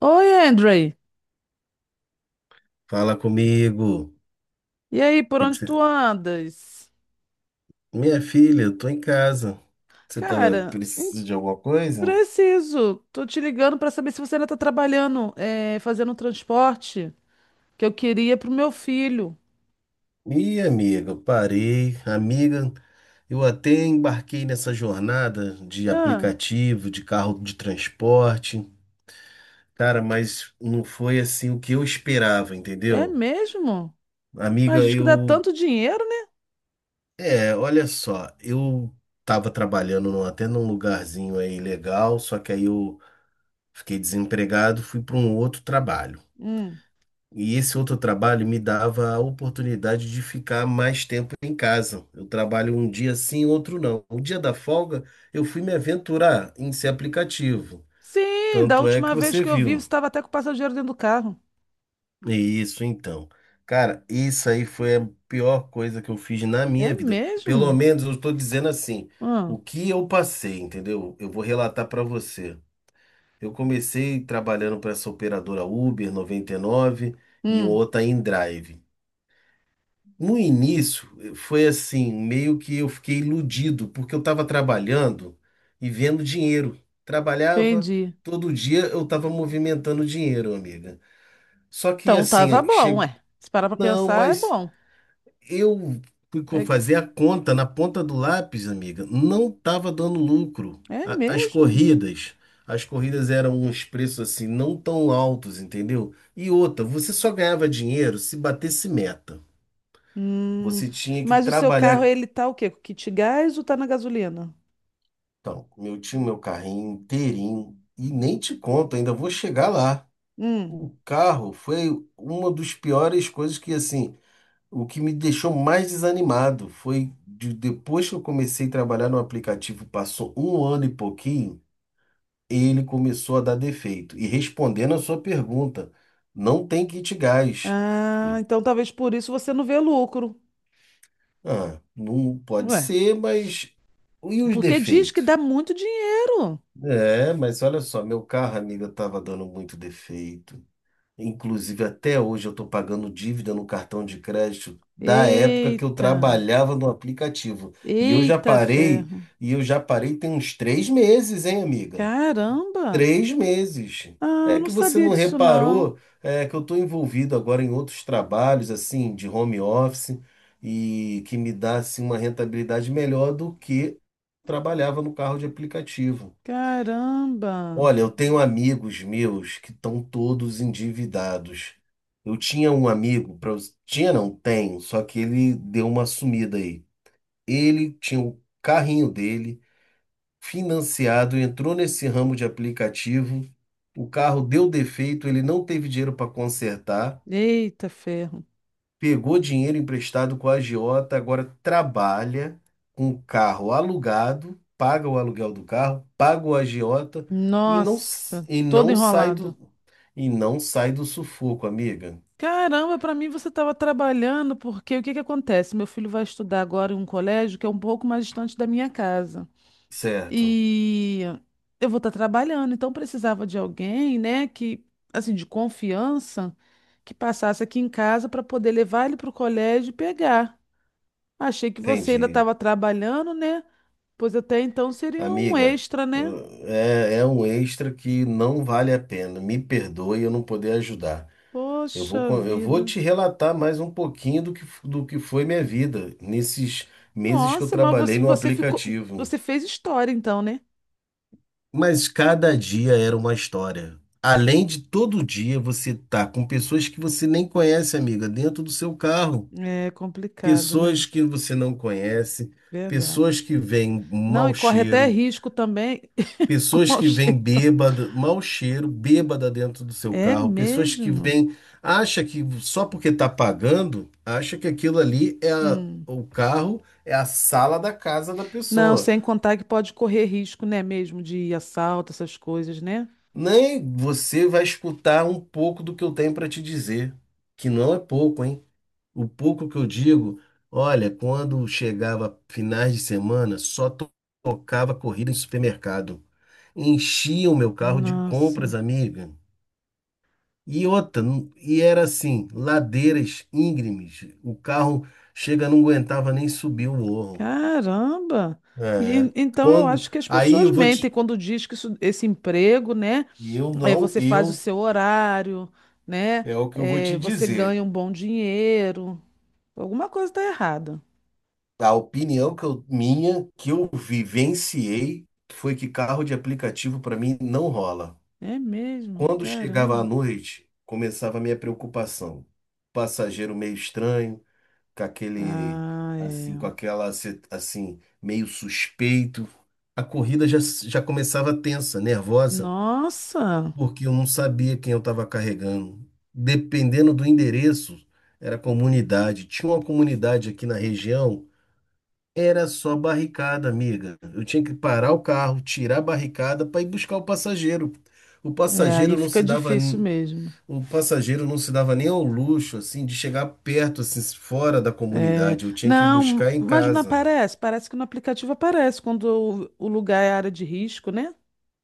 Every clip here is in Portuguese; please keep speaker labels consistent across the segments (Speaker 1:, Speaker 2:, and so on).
Speaker 1: Oi, Andrei.
Speaker 2: Fala comigo.
Speaker 1: E aí, por
Speaker 2: Que que
Speaker 1: onde tu
Speaker 2: você-
Speaker 1: andas?
Speaker 2: Minha filha, eu tô em casa. Você tá
Speaker 1: Cara,
Speaker 2: precisa de alguma coisa?
Speaker 1: preciso. Tô te ligando pra saber se você ainda tá trabalhando, é, fazendo um transporte que eu queria pro meu filho.
Speaker 2: Ih, amiga, eu parei. Amiga, eu até embarquei nessa jornada de
Speaker 1: Ah,
Speaker 2: aplicativo, de carro de transporte. Cara, mas não foi assim o que eu esperava,
Speaker 1: é
Speaker 2: entendeu?
Speaker 1: mesmo? Mas
Speaker 2: Amiga,
Speaker 1: diz que dá
Speaker 2: eu.
Speaker 1: tanto dinheiro, né?
Speaker 2: É, olha só, eu tava trabalhando até num lugarzinho aí legal, só que aí eu fiquei desempregado, fui para um outro trabalho.
Speaker 1: Hum.
Speaker 2: E esse outro trabalho me dava a oportunidade de ficar mais tempo em casa. Eu trabalho um dia sim, outro não. O dia da folga, eu fui me aventurar em ser aplicativo.
Speaker 1: Sim, da
Speaker 2: Tanto é que
Speaker 1: última vez
Speaker 2: você
Speaker 1: que eu vi, você
Speaker 2: viu,
Speaker 1: estava até com o passageiro dentro do carro.
Speaker 2: né? Isso, então. Cara, isso aí foi a pior coisa que eu fiz na
Speaker 1: É
Speaker 2: minha vida. Pelo
Speaker 1: mesmo?
Speaker 2: menos eu estou dizendo assim,
Speaker 1: Ah,
Speaker 2: o que eu passei, entendeu? Eu vou relatar para você. Eu comecei trabalhando para essa operadora Uber 99 e nove e
Speaker 1: hum,
Speaker 2: outra em Drive. No início, foi assim, meio que eu fiquei iludido, porque eu estava trabalhando e vendo dinheiro. Trabalhava,
Speaker 1: entendi.
Speaker 2: todo dia eu estava movimentando dinheiro, amiga. Só que
Speaker 1: Então tava
Speaker 2: assim,
Speaker 1: bom,
Speaker 2: chegou.
Speaker 1: ué. Se parar pra
Speaker 2: Não,
Speaker 1: pensar, é
Speaker 2: mas
Speaker 1: bom.
Speaker 2: eu fui
Speaker 1: É,
Speaker 2: fazer a conta na ponta do lápis, amiga, não estava dando lucro.
Speaker 1: é
Speaker 2: As
Speaker 1: mesmo?
Speaker 2: corridas, eram uns preços assim, não tão altos, entendeu? E outra, você só ganhava dinheiro se batesse meta.
Speaker 1: Hum,
Speaker 2: Você tinha que
Speaker 1: mas o seu carro,
Speaker 2: trabalhar.
Speaker 1: ele tá o quê? Com kit gás ou tá na gasolina?
Speaker 2: Então, meu tinha meu carrinho inteirinho e nem te conto, ainda vou chegar lá.
Speaker 1: Hum.
Speaker 2: O carro foi uma das piores coisas que, assim, o que me deixou mais desanimado foi de, depois que eu comecei a trabalhar no aplicativo, passou um ano e pouquinho, ele começou a dar defeito. E respondendo a sua pergunta, não tem kit gás.
Speaker 1: Ah, então talvez por isso você não vê lucro.
Speaker 2: Ah, não pode
Speaker 1: Ué,
Speaker 2: ser, mas e os
Speaker 1: porque diz que
Speaker 2: defeitos?
Speaker 1: dá muito dinheiro.
Speaker 2: É, mas olha só, meu carro, amiga, estava dando muito defeito. Inclusive, até hoje eu estou pagando dívida no cartão de crédito da época que eu
Speaker 1: Eita,
Speaker 2: trabalhava no aplicativo. E eu já
Speaker 1: eita
Speaker 2: parei,
Speaker 1: ferro.
Speaker 2: e eu já parei tem uns 3 meses, hein, amiga?
Speaker 1: Caramba.
Speaker 2: 3 meses.
Speaker 1: Ah,
Speaker 2: É
Speaker 1: não
Speaker 2: que você
Speaker 1: sabia
Speaker 2: não
Speaker 1: disso não.
Speaker 2: reparou, é que eu estou envolvido agora em outros trabalhos, assim, de home office, e que me dá, assim, uma rentabilidade melhor do que trabalhava no carro de aplicativo.
Speaker 1: Caramba.
Speaker 2: Olha, eu tenho amigos meus que estão todos endividados. Eu tinha um amigo, tinha não, tenho, só que ele deu uma sumida aí. Ele tinha o carrinho dele financiado, entrou nesse ramo de aplicativo, o carro deu defeito, ele não teve dinheiro para consertar,
Speaker 1: Eita ferro.
Speaker 2: pegou dinheiro emprestado com a agiota, agora trabalha com o carro alugado, paga o aluguel do carro, paga o agiota e
Speaker 1: Nossa, todo enrolado.
Speaker 2: não sai do sufoco, amiga.
Speaker 1: Caramba, para mim você estava trabalhando, porque o que que acontece? Meu filho vai estudar agora em um colégio que é um pouco mais distante da minha casa.
Speaker 2: Certo,
Speaker 1: E eu vou estar trabalhando, então precisava de alguém, né, que assim, de confiança, que passasse aqui em casa para poder levar ele para o colégio e pegar. Achei que você ainda
Speaker 2: entendi.
Speaker 1: estava trabalhando, né? Pois até então seria um
Speaker 2: Amiga,
Speaker 1: extra, né?
Speaker 2: é um extra que não vale a pena. Me perdoe eu não poder ajudar.
Speaker 1: Poxa
Speaker 2: Eu vou
Speaker 1: vida.
Speaker 2: te relatar mais um pouquinho do que foi minha vida nesses meses que eu
Speaker 1: Nossa, mas
Speaker 2: trabalhei
Speaker 1: você,
Speaker 2: no
Speaker 1: você ficou,
Speaker 2: aplicativo.
Speaker 1: você fez história então, né?
Speaker 2: Mas cada dia era uma história. Além de todo dia você tá com pessoas que você nem conhece, amiga, dentro do seu carro.
Speaker 1: É complicado, né?
Speaker 2: Pessoas que você não conhece, pessoas
Speaker 1: Verdade.
Speaker 2: que vêm
Speaker 1: Não,
Speaker 2: mau
Speaker 1: e corre até
Speaker 2: cheiro,
Speaker 1: risco também com
Speaker 2: pessoas
Speaker 1: mau
Speaker 2: que vêm
Speaker 1: cheiro.
Speaker 2: bêbada, mau cheiro, bêbada dentro do seu
Speaker 1: É
Speaker 2: carro, pessoas que
Speaker 1: mesmo?
Speaker 2: vêm, acha que só porque tá pagando, acha que aquilo ali é
Speaker 1: Hum.
Speaker 2: o carro, é a sala da casa da
Speaker 1: Não,
Speaker 2: pessoa.
Speaker 1: sem contar que pode correr risco, né, mesmo de assalto, essas coisas, né?
Speaker 2: Nem você vai escutar um pouco do que eu tenho para te dizer, que não é pouco, hein? O pouco que eu digo, olha, quando chegava finais de semana, só tocava corrida em supermercado. Enchia o meu carro de
Speaker 1: Nossa,
Speaker 2: compras, amiga. E outra, e era assim, ladeiras íngremes. O carro chega, não aguentava nem subir o morro.
Speaker 1: caramba! E- e-
Speaker 2: É.
Speaker 1: então eu
Speaker 2: Quando,
Speaker 1: acho que as
Speaker 2: aí
Speaker 1: pessoas
Speaker 2: eu vou
Speaker 1: mentem
Speaker 2: te,
Speaker 1: quando diz que esse emprego, né?
Speaker 2: eu
Speaker 1: Aí
Speaker 2: não,
Speaker 1: você faz o
Speaker 2: eu
Speaker 1: seu horário, né?
Speaker 2: é o que eu vou
Speaker 1: É,
Speaker 2: te
Speaker 1: você
Speaker 2: dizer.
Speaker 1: ganha um bom dinheiro. Alguma coisa está errada.
Speaker 2: A opinião que eu, minha, que eu vivenciei, foi que carro de aplicativo para mim não rola.
Speaker 1: É mesmo,
Speaker 2: Quando chegava à
Speaker 1: caramba.
Speaker 2: noite, começava a minha preocupação. Passageiro meio estranho, com aquele,
Speaker 1: Ah, é.
Speaker 2: assim, com aquela, assim, meio suspeito. A corrida já começava tensa, nervosa,
Speaker 1: Nossa,
Speaker 2: porque eu não sabia quem eu estava carregando. Dependendo do endereço, era comunidade. Tinha uma comunidade aqui na região era só barricada, amiga. Eu tinha que parar o carro, tirar a barricada para ir buscar o passageiro. O
Speaker 1: é, aí
Speaker 2: passageiro não
Speaker 1: fica
Speaker 2: se dava,
Speaker 1: difícil
Speaker 2: n-
Speaker 1: mesmo.
Speaker 2: O passageiro não se dava nem ao luxo assim de chegar perto assim fora da
Speaker 1: É,
Speaker 2: comunidade. Eu tinha que
Speaker 1: não,
Speaker 2: buscar em
Speaker 1: mas não
Speaker 2: casa.
Speaker 1: aparece. Parece que no aplicativo aparece quando o lugar é área de risco, né?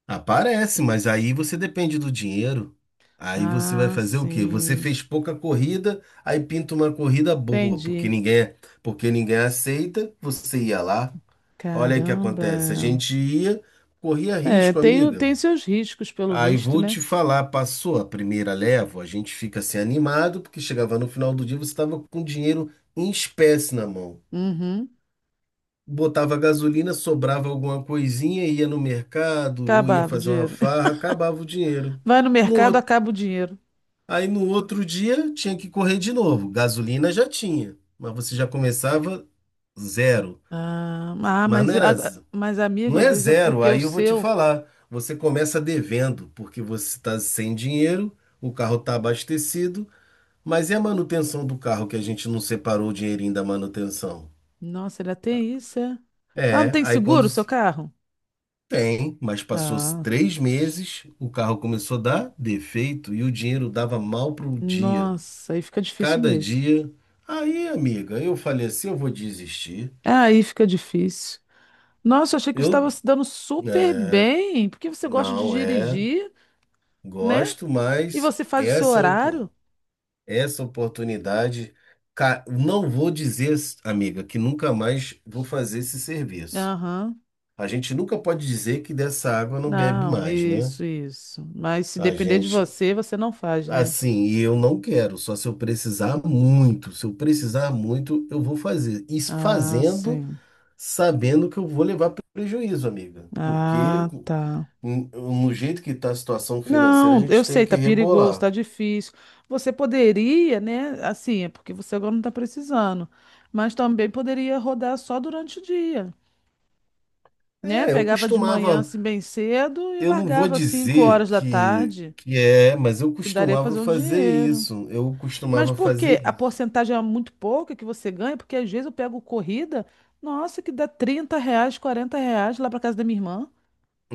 Speaker 2: Aparece, mas aí você depende do dinheiro. Aí você vai
Speaker 1: Ah,
Speaker 2: fazer o quê? Você
Speaker 1: sim.
Speaker 2: fez pouca corrida, aí pinta uma corrida boa,
Speaker 1: Entendi.
Speaker 2: porque ninguém aceita, você ia lá. Olha aí o que acontece. A
Speaker 1: Caramba.
Speaker 2: gente ia, corria
Speaker 1: É,
Speaker 2: risco,
Speaker 1: tem, o-
Speaker 2: amiga.
Speaker 1: tem seus riscos, pelo
Speaker 2: Aí
Speaker 1: visto,
Speaker 2: vou
Speaker 1: né?
Speaker 2: te falar, passou a primeira leva, a gente fica assim animado, porque chegava no final do dia, você estava com dinheiro em espécie na mão.
Speaker 1: Uhum.
Speaker 2: Botava gasolina, sobrava alguma coisinha, ia no mercado ou ia
Speaker 1: Acabava o
Speaker 2: fazer uma
Speaker 1: dinheiro.
Speaker 2: farra, acabava o dinheiro.
Speaker 1: Vai no
Speaker 2: No
Speaker 1: mercado,
Speaker 2: outro,
Speaker 1: acaba o dinheiro.
Speaker 2: aí no outro dia tinha que correr de novo. Gasolina já tinha, mas você já começava zero.
Speaker 1: Ah, ah,
Speaker 2: Mas
Speaker 1: mas,
Speaker 2: não era.
Speaker 1: mas, amigo,
Speaker 2: Não
Speaker 1: às
Speaker 2: é
Speaker 1: vezes é
Speaker 2: zero,
Speaker 1: porque o
Speaker 2: aí eu vou te
Speaker 1: seu.
Speaker 2: falar. Você começa devendo, porque você está sem dinheiro, o carro está abastecido, mas e a manutenção do carro que a gente não separou o dinheirinho da manutenção?
Speaker 1: Nossa, ele tem isso, é? Ah, não
Speaker 2: É,
Speaker 1: tem seguro o seu carro?
Speaker 2: tem, mas passou
Speaker 1: Ah,
Speaker 2: 3 meses, o carro começou a dar defeito e o dinheiro dava mal pro dia.
Speaker 1: nossa, aí fica difícil
Speaker 2: Cada
Speaker 1: mesmo.
Speaker 2: dia. Aí, amiga, eu falei assim, eu vou desistir.
Speaker 1: Aí fica difícil. Nossa, eu achei que você estava
Speaker 2: Eu,
Speaker 1: se dando super
Speaker 2: é,
Speaker 1: bem, porque você gosta de
Speaker 2: não é,
Speaker 1: dirigir, né?
Speaker 2: gosto,
Speaker 1: E
Speaker 2: mas
Speaker 1: você faz o seu
Speaker 2: essa, pô.
Speaker 1: horário?
Speaker 2: Essa oportunidade, não vou dizer, amiga, que nunca mais vou fazer esse serviço.
Speaker 1: Aham.
Speaker 2: A gente nunca pode dizer que dessa água não bebe
Speaker 1: Não,
Speaker 2: mais, né?
Speaker 1: isso, isso. Mas se
Speaker 2: A
Speaker 1: depender de
Speaker 2: gente,
Speaker 1: você, você não faz, né?
Speaker 2: assim, e eu não quero, só se eu precisar muito. Se eu precisar muito, eu vou fazer. E
Speaker 1: Ah,
Speaker 2: fazendo,
Speaker 1: sim.
Speaker 2: sabendo que eu vou levar prejuízo, amiga. Porque
Speaker 1: Ah, tá.
Speaker 2: no jeito que está a situação financeira, a
Speaker 1: Não, eu
Speaker 2: gente tem
Speaker 1: sei,
Speaker 2: que
Speaker 1: tá perigoso,
Speaker 2: rebolar.
Speaker 1: tá difícil. Você poderia, né? Assim, é porque você agora não tá precisando, mas também poderia rodar só durante o dia. Né?
Speaker 2: É, eu
Speaker 1: Pegava de manhã
Speaker 2: costumava
Speaker 1: assim bem cedo e
Speaker 2: Eu não vou
Speaker 1: largava às 5
Speaker 2: dizer
Speaker 1: horas da
Speaker 2: que,
Speaker 1: tarde.
Speaker 2: que é, mas eu
Speaker 1: E daria pra
Speaker 2: costumava
Speaker 1: fazer um
Speaker 2: fazer
Speaker 1: dinheiro.
Speaker 2: isso. Eu
Speaker 1: Mas
Speaker 2: costumava
Speaker 1: por quê?
Speaker 2: fazer
Speaker 1: A
Speaker 2: isso.
Speaker 1: porcentagem é muito pouca que você ganha, porque às vezes eu pego corrida, nossa, que dá R$ 30, R$ 40 lá pra casa da minha irmã.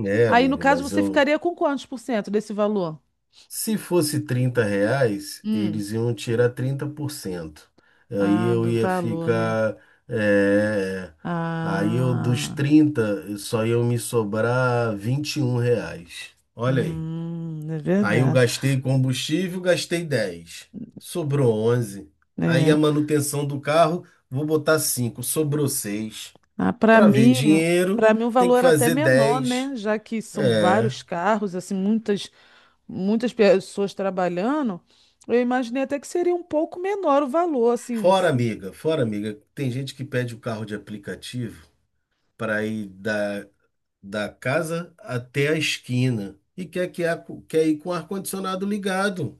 Speaker 2: É,
Speaker 1: Aí, no
Speaker 2: amigo,
Speaker 1: caso,
Speaker 2: mas
Speaker 1: você
Speaker 2: eu.
Speaker 1: ficaria com quantos por cento desse valor?
Speaker 2: Se fosse R$ 30,
Speaker 1: Hum.
Speaker 2: eles iam tirar 30%. Aí
Speaker 1: Ah,
Speaker 2: eu
Speaker 1: do
Speaker 2: ia
Speaker 1: valor, né?
Speaker 2: ficar. É, aí eu, dos
Speaker 1: Ah,
Speaker 2: 30 só iam me sobrar R$ 21. Olha aí.
Speaker 1: é
Speaker 2: Aí eu
Speaker 1: verdade.
Speaker 2: gastei combustível, gastei 10. Sobrou 11. Aí a
Speaker 1: É.
Speaker 2: manutenção do carro, vou botar cinco. Sobrou 6.
Speaker 1: Ah, para
Speaker 2: Para ver
Speaker 1: mim,
Speaker 2: dinheiro,
Speaker 1: para mim o
Speaker 2: tem
Speaker 1: valor
Speaker 2: que
Speaker 1: era até
Speaker 2: fazer
Speaker 1: menor,
Speaker 2: 10.
Speaker 1: né? Já que são
Speaker 2: É.
Speaker 1: vários carros, assim, muitas pessoas trabalhando, eu imaginei até que seria um pouco menor o valor, assim.
Speaker 2: Fora, amiga. Fora, amiga. Tem gente que pede o carro de aplicativo para ir da casa até a esquina e quer ir com o ar-condicionado ligado.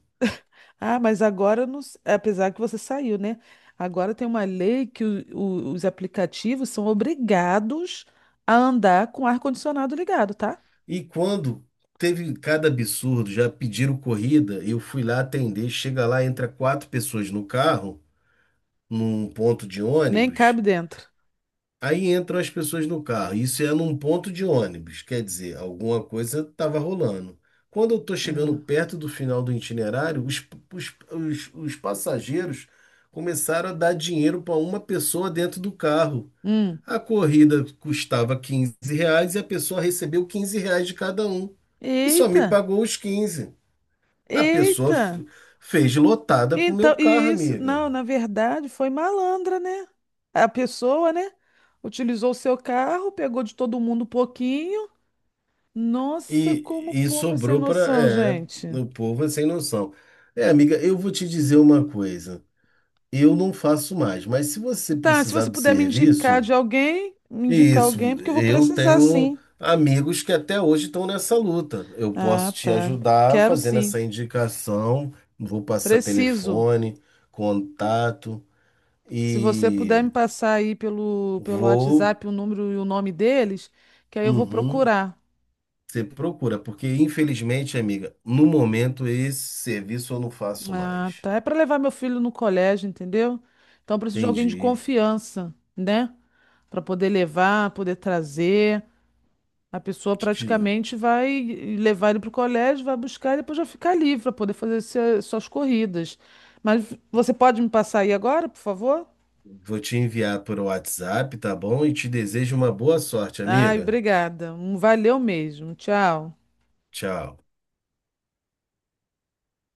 Speaker 1: Ah, mas agora, não s- apesar que você saiu, né? Agora tem uma lei que os aplicativos são obrigados a andar com o ar-condicionado ligado, tá?
Speaker 2: E quando teve cada absurdo, já pediram corrida, eu fui lá atender, chega lá, entra quatro pessoas no carro, num ponto de
Speaker 1: Nem
Speaker 2: ônibus.
Speaker 1: cabe dentro.
Speaker 2: Aí entram as pessoas no carro. Isso é num ponto de ônibus, quer dizer, alguma coisa estava rolando. Quando eu estou chegando
Speaker 1: Ah.
Speaker 2: perto do final do itinerário, os passageiros começaram a dar dinheiro para uma pessoa dentro do carro.
Speaker 1: Hum.
Speaker 2: A corrida custava R$ 15 e a pessoa recebeu R$ 15 de cada um. E só me
Speaker 1: Eita!
Speaker 2: pagou os 15. A pessoa
Speaker 1: Eita!
Speaker 2: fez lotada com o meu
Speaker 1: Então, e
Speaker 2: carro,
Speaker 1: isso,
Speaker 2: amiga.
Speaker 1: não, na verdade, foi malandra, né? A pessoa, né? Utilizou o seu carro, pegou de todo mundo um pouquinho. Nossa, como o
Speaker 2: E
Speaker 1: povo é sem
Speaker 2: sobrou para.
Speaker 1: noção,
Speaker 2: É,
Speaker 1: gente.
Speaker 2: o povo é sem noção. É, amiga, eu vou te dizer uma coisa. Eu não faço mais, mas se você
Speaker 1: Tá, se
Speaker 2: precisar
Speaker 1: você
Speaker 2: do
Speaker 1: puder me indicar
Speaker 2: serviço.
Speaker 1: de alguém, me indicar
Speaker 2: Isso,
Speaker 1: alguém, porque eu vou
Speaker 2: eu
Speaker 1: precisar
Speaker 2: tenho
Speaker 1: sim.
Speaker 2: amigos que até hoje estão nessa luta. Eu
Speaker 1: Ah,
Speaker 2: posso te
Speaker 1: tá.
Speaker 2: ajudar
Speaker 1: Quero
Speaker 2: fazendo
Speaker 1: sim.
Speaker 2: essa indicação, vou passar
Speaker 1: Preciso.
Speaker 2: telefone, contato
Speaker 1: Se você puder
Speaker 2: e
Speaker 1: me passar aí pelo
Speaker 2: vou.
Speaker 1: WhatsApp o número e o nome deles, que aí eu vou
Speaker 2: Uhum,
Speaker 1: procurar.
Speaker 2: você procura, porque infelizmente, amiga, no momento esse serviço eu não faço
Speaker 1: Ah,
Speaker 2: mais.
Speaker 1: tá. É para levar meu filho no colégio, entendeu? Então eu preciso de alguém de
Speaker 2: Entendi.
Speaker 1: confiança, né? Para poder levar, poder trazer. A pessoa
Speaker 2: Te-
Speaker 1: praticamente vai levar ele para o colégio, vai buscar e depois vai ficar livre para poder fazer suas corridas. Mas você pode me passar aí agora, por favor?
Speaker 2: Vou te enviar por WhatsApp, tá bom? E te desejo uma boa sorte,
Speaker 1: Ai,
Speaker 2: amiga.
Speaker 1: obrigada. Um Valeu mesmo. Tchau.
Speaker 2: Tchau.